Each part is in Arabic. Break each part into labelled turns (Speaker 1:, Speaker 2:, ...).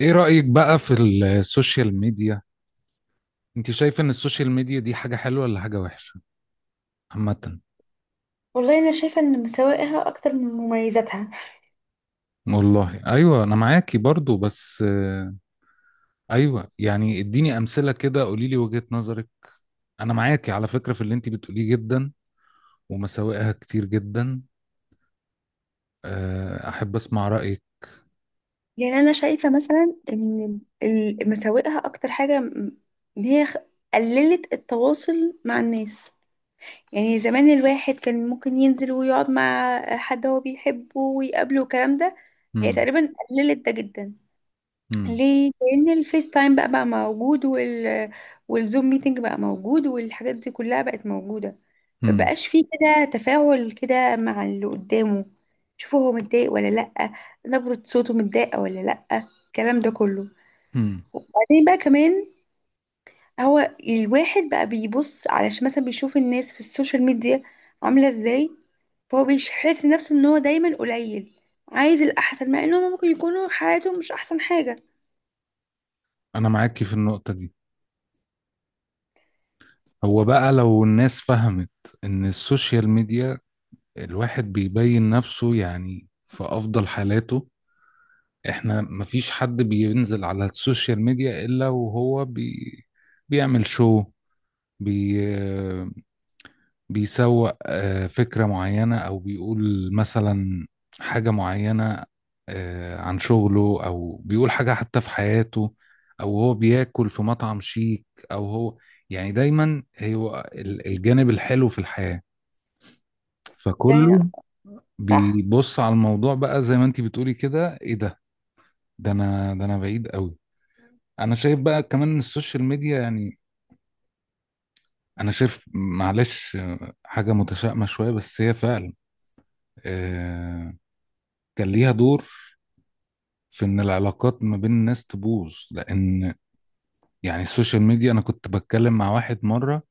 Speaker 1: ايه رأيك بقى في السوشيال ميديا؟ انت شايف ان السوشيال ميديا دي حاجة حلوة ولا حاجة وحشة عامة؟
Speaker 2: والله انا شايفه ان مساوئها اكتر من مميزاتها.
Speaker 1: والله ايوه انا معاكي برضو بس ايوه يعني اديني امثلة كده، قولي لي وجهة نظرك. انا معاكي على فكرة في اللي انت بتقوليه جدا، ومساوئها كتير جدا. احب اسمع رأيك.
Speaker 2: يعني انا شايفه مثلا ان مساوئها اكتر حاجه ان هي خ- قللت التواصل مع الناس. يعني زمان الواحد كان ممكن ينزل ويقعد مع حد هو بيحبه ويقابله والكلام ده. هي
Speaker 1: هم.
Speaker 2: تقريبا قللت ده جدا.
Speaker 1: هم.
Speaker 2: ليه؟ لان الفيس تايم بقى موجود والزوم ميتنج بقى موجود والحاجات دي كلها بقت موجوده.
Speaker 1: هم.
Speaker 2: مبقاش فيه كده تفاعل كده مع اللي قدامه، شوفه هو متضايق ولا لأ، نبرة صوته متضايقة ولا لأ، الكلام ده كله.
Speaker 1: هم.
Speaker 2: وبعدين بقى كمان هو الواحد بقى بيبص علشان مثلا بيشوف الناس في السوشيال ميديا عاملة ازاي، فهو بيحس نفسه ان هو دايما قليل، عايز الأحسن، مع انهم ممكن يكونوا حياتهم مش أحسن حاجة.
Speaker 1: انا معاكي في النقطة دي. هو بقى لو الناس فهمت ان السوشيال ميديا، الواحد بيبين نفسه يعني في افضل حالاته. احنا مفيش حد بينزل على السوشيال ميديا الا وهو بيعمل شو، بي بيسوق فكرة معينة، او بيقول مثلا حاجة معينة، عن شغله، او بيقول حاجة حتى في حياته، او هو بياكل في مطعم شيك، او هو يعني دايما هو الجانب الحلو في الحياة. فكله
Speaker 2: يعني صح،
Speaker 1: بيبص على الموضوع بقى زي ما انتي بتقولي كده، ايه ده؟ ده انا بعيد قوي. انا شايف بقى كمان إن السوشيال ميديا يعني، انا شايف معلش حاجه متشائمه شويه، بس هي فعلا آه، كان ليها دور في ان العلاقات ما بين الناس تبوظ، لان يعني السوشيال ميديا، انا كنت بتكلم مع واحد مره،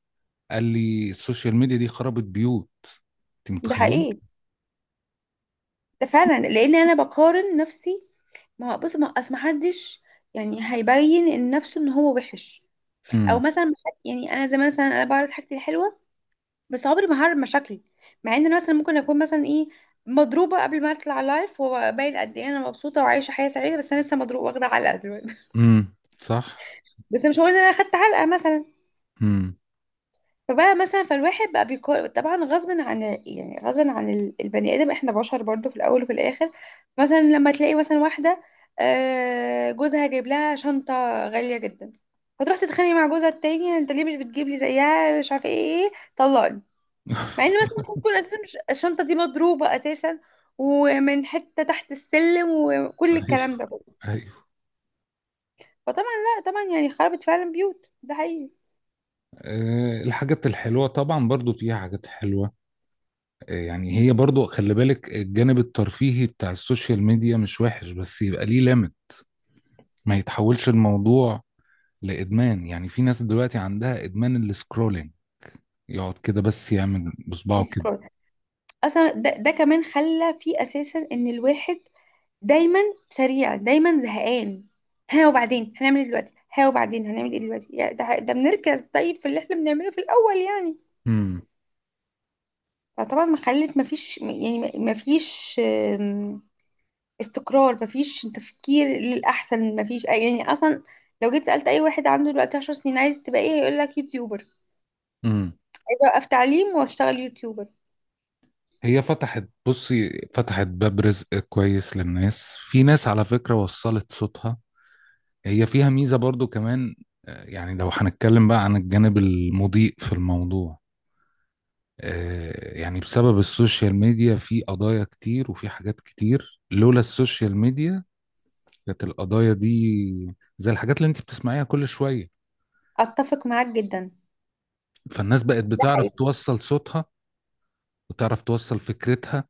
Speaker 1: قال لي السوشيال ميديا دي خربت بيوت. انت
Speaker 2: ده
Speaker 1: متخيل؟
Speaker 2: حقيقي. ده فعلا لأن أنا بقارن نفسي. ما بص، ما أصل محدش يعني هيبين إن نفسه إن هو وحش. او
Speaker 1: امم.
Speaker 2: مثلا يعني انا زي مثلا انا بعرض حاجتي الحلوه، بس عمري ما هعرض مشاكلي. مع ان انا مثلا ممكن اكون مثلا ايه، مضروبه قبل ما اطلع لايف، وباين قد ايه انا مبسوطه وعايشه حياه سعيده، بس انا لسه مضروبه واخده علقه دلوقتي.
Speaker 1: امم. صح.
Speaker 2: بس مش هقول ان انا اخدت علقه مثلا.
Speaker 1: امم.
Speaker 2: فبقى مثلا فالواحد بقى بيقارن طبعا غصب عن، يعني غصب عن البني ادم، احنا بشر برضو في الاول وفي الاخر. مثلا لما تلاقي مثلا واحده جوزها جايب لها شنطه غاليه جدا، فتروح تتخانق مع جوزها التاني: انت ليه مش بتجيب لي زيها، مش عارفه ايه ايه طلقني. مع ان مثلا ممكن تكون اساسا الشنطه دي مضروبه اساسا، ومن حته تحت السلم، وكل
Speaker 1: ايوه.
Speaker 2: الكلام ده كله.
Speaker 1: ايوه.
Speaker 2: فطبعا لا طبعا يعني خربت فعلا بيوت، ده حقيقي.
Speaker 1: أه، الحاجات الحلوه طبعا برضو فيها حاجات حلوه. يعني هي برضو خلي بالك، الجانب الترفيهي بتاع السوشيال ميديا مش وحش، بس يبقى ليه ليميت. ما يتحولش الموضوع لإدمان، يعني في ناس دلوقتي عندها إدمان السكرولينج. يقعد كده بس يعمل بصبعه كده.
Speaker 2: يسكرول. اصلا ده كمان خلى فيه اساسا ان الواحد دايما سريع، دايما زهقان. ها وبعدين هنعمل ايه دلوقتي، ها وبعدين هنعمل ايه دلوقتي، يعني ده بنركز طيب في اللي احنا بنعمله في الاول يعني.
Speaker 1: امم.
Speaker 2: فطبعا ما خلت ما فيش، يعني ما فيش استقرار، مفيش تفكير للأحسن، مفيش أي يعني أصلا. لو جيت سألت أي واحد عنده دلوقتي 10 سنين عايز تبقى إيه، هيقول لك يوتيوبر.
Speaker 1: امم.
Speaker 2: عايز أوقف تعليم وأشتغل يوتيوبر.
Speaker 1: هي فتحت، بصي، فتحت باب رزق كويس للناس، في ناس على فكرة وصلت صوتها. هي فيها ميزة برضو كمان. يعني لو هنتكلم بقى عن الجانب المضيء في الموضوع، يعني بسبب السوشيال ميديا في قضايا كتير، وفي حاجات كتير لولا السوشيال ميديا كانت القضايا دي زي الحاجات اللي انت بتسمعيها كل شوية.
Speaker 2: أتفق معاك جدا،
Speaker 1: فالناس بقت
Speaker 2: ده
Speaker 1: بتعرف
Speaker 2: حقيقي.
Speaker 1: توصل صوتها، وتعرف توصل فكرتها.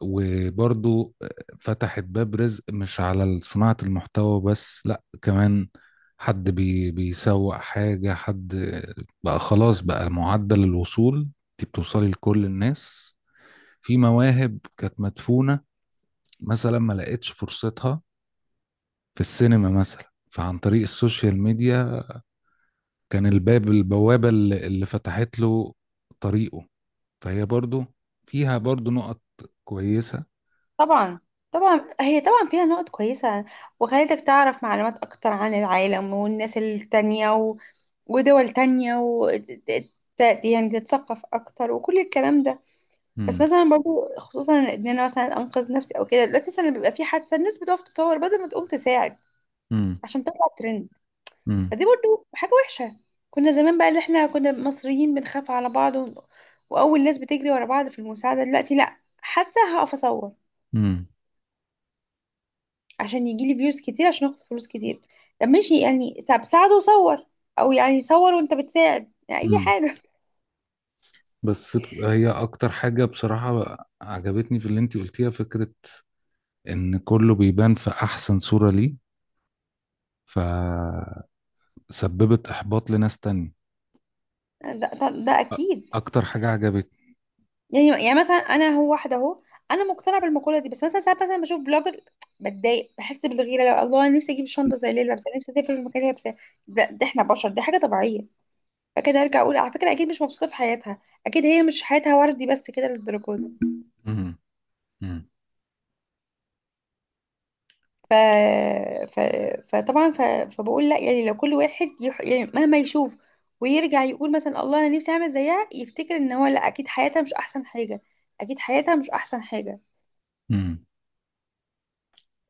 Speaker 1: وبرضو فتحت باب رزق، مش على صناعة المحتوى بس، لا كمان حد بيسوق حاجة، حد بقى خلاص، بقى معدل الوصول انت بتوصلي لكل الناس. في مواهب كانت مدفونة مثلا ما لقيتش فرصتها في السينما، مثلا فعن طريق السوشيال ميديا كان الباب، البوابة اللي فتحت له طريقه. فهي برضو فيها برضو نقط كويسة.
Speaker 2: طبعا، طبعا هي طبعا فيها نقط كويسة، وخلتك تعرف معلومات أكتر عن العالم والناس التانية ودول تانية يعني تتثقف أكتر وكل الكلام ده. بس
Speaker 1: امم.
Speaker 2: مثلا برضو خصوصا إن أنا مثلا أنقذ نفسي أو كده، دلوقتي مثلا بيبقى في حادثة الناس بتقف تصور بدل ما تقوم تساعد،
Speaker 1: امم.
Speaker 2: عشان تطلع ترند.
Speaker 1: امم.
Speaker 2: فدي برضو حاجة وحشة. كنا زمان بقى، اللي احنا كنا مصريين بنخاف على بعض وأول ناس بتجري ورا بعض في المساعدة، دلوقتي لأ، حتى هقف أصور
Speaker 1: امم.
Speaker 2: عشان يجيلي فيوز كتير، عشان آخد فلوس كتير. طب ماشي يعني ساعده وصور، أو يعني صور وأنت بتساعد، يعني أي
Speaker 1: امم.
Speaker 2: حاجة.
Speaker 1: بس هي اكتر حاجة بصراحة عجبتني في اللي انتي قلتيها، فكرة ان كله بيبان في احسن صورة ليه، فسببت احباط لناس تانية.
Speaker 2: ده
Speaker 1: أ-
Speaker 2: أكيد.
Speaker 1: اكتر حاجة عجبتني.
Speaker 2: يعني مثلا أنا هو واحدة أهو، أنا مقتنعة بالمقولة دي، بس مثلا ساعات مثلا بشوف بلوجر بتضايق، بحس بالغيرة، لو الله أنا نفسي أجيب شنطة زي اللي هي لابسة، نفسي أسافر المكان اللي هي لابساه. ده إحنا بشر، دي حاجة طبيعية. فكده ارجع اقول على فكره اكيد مش مبسوطه في حياتها، اكيد هي مش حياتها وردي بس كده للدرجه دي. ف... ف... فطبعا فبقول لا يعني، لو كل واحد يعني مهما يشوف ويرجع يقول مثلا الله انا نفسي اعمل زيها، يفتكر ان هو لا، اكيد حياتها مش احسن حاجه، اكيد حياتها مش احسن حاجه.
Speaker 1: امم.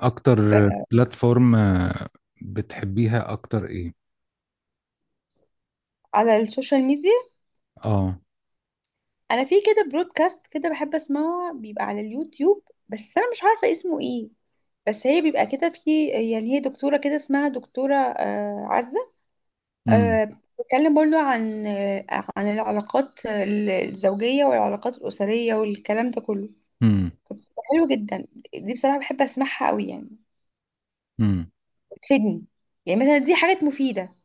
Speaker 1: اكتر
Speaker 2: ف...
Speaker 1: بلاتفورم بتحبيها اكتر ايه؟
Speaker 2: على السوشيال ميديا،
Speaker 1: اه.
Speaker 2: انا في كده برودكاست كده بحب اسمعه بيبقى على اليوتيوب، بس انا مش عارفه اسمه ايه، بس هي بيبقى كده، في يعني هي دكتوره كده اسمها دكتوره عزة.
Speaker 1: امم.
Speaker 2: أه. بتكلم برضو عن العلاقات الزوجية والعلاقات الأسرية والكلام ده كله.
Speaker 1: امم.
Speaker 2: بتبقى حلوة جدا، دي بصراحة بحب أسمعها قوي يعني.
Speaker 1: امم.
Speaker 2: بتفيدني، يعني مثلا دي حاجات مفيدة.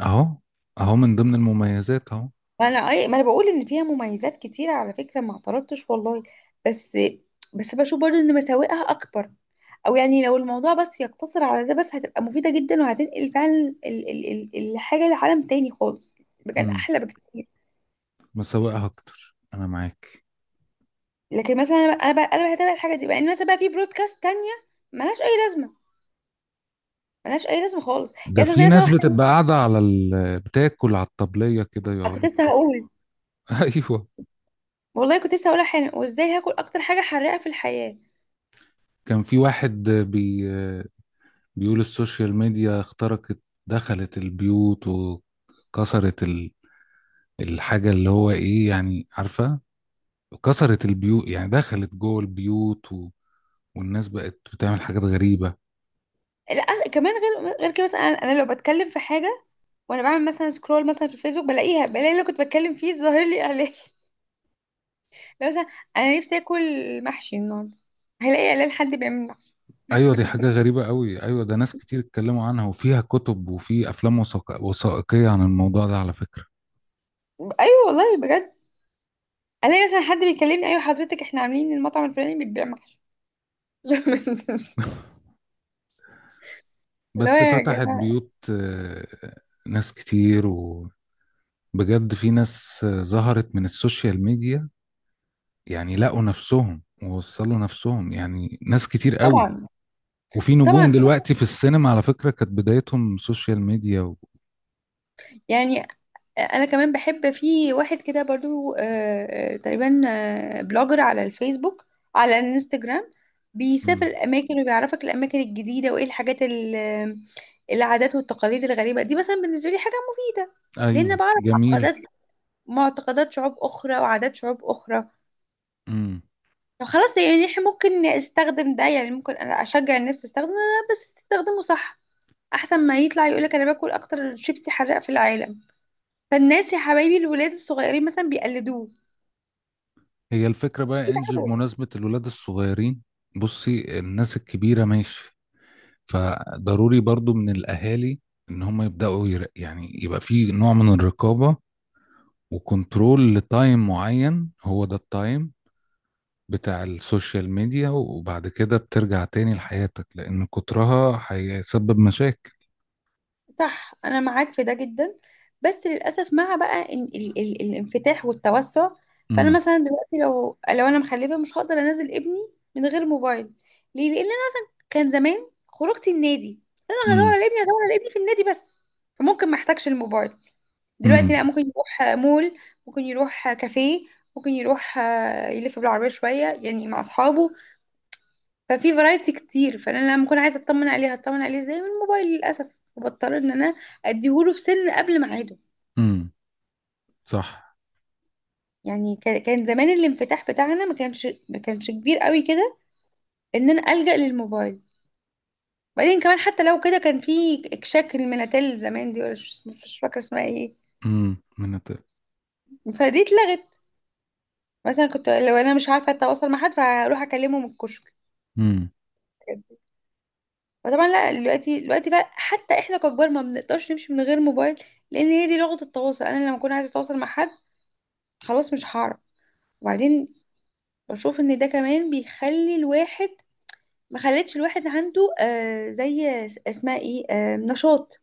Speaker 1: اهو، اهو من ضمن المميزات اهو.
Speaker 2: ما أنا أي، ما أنا بقول إن فيها مميزات كتيرة على فكرة، ما اعترضتش والله. بس بس بشوف برضو إن مساوئها أكبر. أو يعني لو الموضوع بس يقتصر على ده بس، هتبقى مفيدة جدا، وهتنقل فعلا ال- ال- الحاجة لعالم تاني خالص، مكان
Speaker 1: امم.
Speaker 2: أحلى بكتير.
Speaker 1: مسوقها اكتر، انا معاك.
Speaker 2: لكن مثلا انا بقى انا بقى هتابع الحاجه دي بقى ان مثلا بقى في برودكاست تانية ملهاش اي لازمه، ملهاش اي لازمه خالص. يا
Speaker 1: ده
Speaker 2: أستاذ
Speaker 1: في
Speaker 2: زي مثلا
Speaker 1: ناس
Speaker 2: واحد،
Speaker 1: بتبقى قاعدة على بتاكل على الطبلية كده
Speaker 2: كنت
Speaker 1: يقعدوا.
Speaker 2: لسه هقول.
Speaker 1: ايوه.
Speaker 2: والله كنت لسه هقولها حالا، وازاي هاكل اكتر حاجه حراقه في الحياه.
Speaker 1: كان في واحد بيقول السوشيال ميديا اخترقت، دخلت البيوت وكسرت الحاجة اللي هو ايه يعني، عارفة، كسرت البيوت يعني دخلت جوه البيوت، والناس بقت بتعمل حاجات غريبة.
Speaker 2: لا كمان غير كده، مثلا أنا لو بتكلم في حاجه وانا بعمل مثلا سكرول مثلا في الفيسبوك، بلاقيها، بلاقي اللي كنت بتكلم فيه ظاهر لي اعلان لو مثلا انا نفسي اكل محشي النهارده، هلاقي اعلان حد بيعمل محشي.
Speaker 1: ايوه دي حاجة غريبة قوي، ايوه، ده ناس كتير اتكلموا عنها، وفيها كتب، وفي افلام وثائقية عن الموضوع ده على فكرة.
Speaker 2: ايوه والله بجد. الاقي مثلا حد بيكلمني: ايوه حضرتك احنا عاملين المطعم الفلاني بيبيع محشي. لا، اللي هو
Speaker 1: بس
Speaker 2: يا
Speaker 1: فتحت
Speaker 2: جماعه.
Speaker 1: بيوت، ناس كتير، وبجد في ناس ظهرت من السوشيال ميديا، يعني لقوا نفسهم ووصلوا نفسهم، يعني ناس كتير قوي.
Speaker 2: طبعا
Speaker 1: وفي
Speaker 2: طبعا،
Speaker 1: نجوم
Speaker 2: في
Speaker 1: دلوقتي في السينما على فكرة كانت بدايتهم سوشيال ميديا و...
Speaker 2: يعني، انا كمان بحب في واحد كده برضو تقريبا بلوجر على الفيسبوك، على الانستجرام. بيسافر
Speaker 1: مم.
Speaker 2: الاماكن وبيعرفك الاماكن الجديده، وايه الحاجات العادات والتقاليد الغريبه دي، مثلا بالنسبه لي حاجه مفيده. لان
Speaker 1: ايوه
Speaker 2: بعرف
Speaker 1: جميل.
Speaker 2: معتقدات شعوب اخرى وعادات شعوب اخرى. طب خلاص يعني احنا ممكن استخدم ده، يعني ممكن انا اشجع الناس تستخدم ده، بس تستخدمه صح. احسن ما يطلع يقولك انا باكل اكتر شيبسي حراق في العالم، فالناس يا حبايبي الولاد الصغيرين مثلا بيقلدوه.
Speaker 1: هي الفكرة بقى انجي،
Speaker 2: برافو.
Speaker 1: بمناسبة الولاد الصغيرين، بصي الناس الكبيرة ماشي، فضروري برضو من الأهالي إن هم يبدأوا يعني يبقى في نوع من الرقابة وكنترول لتايم معين، هو ده التايم بتاع السوشيال ميديا، وبعد كده بترجع تاني لحياتك، لأن كترها هيسبب مشاكل.
Speaker 2: صح، انا معاك في ده جدا. بس للاسف مع بقى إن ال ال الانفتاح والتوسع، فانا
Speaker 1: امم.
Speaker 2: مثلا دلوقتي لو انا مخلفه مش هقدر انزل ابني من غير موبايل. ليه؟ لان انا كان زمان خروجتي النادي. انا هدور
Speaker 1: امم.
Speaker 2: على ابني هدور على ابني في النادي بس، فممكن ما احتاجش الموبايل. دلوقتي لا،
Speaker 1: امم.
Speaker 2: ممكن يروح مول، ممكن يروح كافيه، ممكن يروح يلف بالعربيه شويه يعني مع اصحابه. ففي فرايتي كتير، فانا لما اكون عايزه اطمن عليه هطمن عليه ازاي؟ من الموبايل للاسف. وبضطر ان انا اديهوله في سن قبل ميعاده.
Speaker 1: امم. صح.
Speaker 2: يعني كان زمان الانفتاح بتاعنا ما كانش كبير قوي كده، ان انا الجا للموبايل. بعدين كمان حتى لو كده، كان في اكشاك المناتيل زمان دي، ولا مش فاكره اسمها ايه،
Speaker 1: امم.
Speaker 2: فدي اتلغت. مثلا كنت لو انا مش عارفه اتواصل مع حد، فهروح اكلمه من الكشك.
Speaker 1: امم.
Speaker 2: فطبعا لا، دلوقتي بقى حتى احنا ككبار ما بنقدرش نمشي من غير موبايل، لان هي دي لغه التواصل. انا لما اكون عايزه اتواصل مع حد خلاص مش هعرف. وبعدين بشوف ان ده كمان بيخلي الواحد، ما خلتش الواحد عنده زي اسمها ايه نشاط.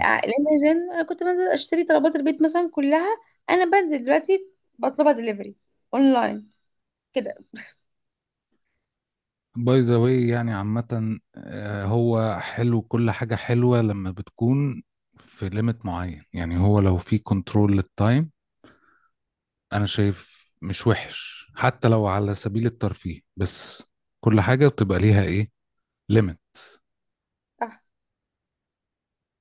Speaker 2: لان زمان انا كنت بنزل اشتري طلبات البيت مثلا كلها، انا بنزل. دلوقتي بطلبها دليفري اونلاين كده.
Speaker 1: باي ذا واي يعني عامة، هو حلو، كل حاجة حلوة لما بتكون في ليميت معين، يعني هو لو في كنترول للتايم أنا شايف مش وحش، حتى لو على سبيل الترفيه، بس كل حاجة بتبقى ليها إيه، ليميت.
Speaker 2: آه.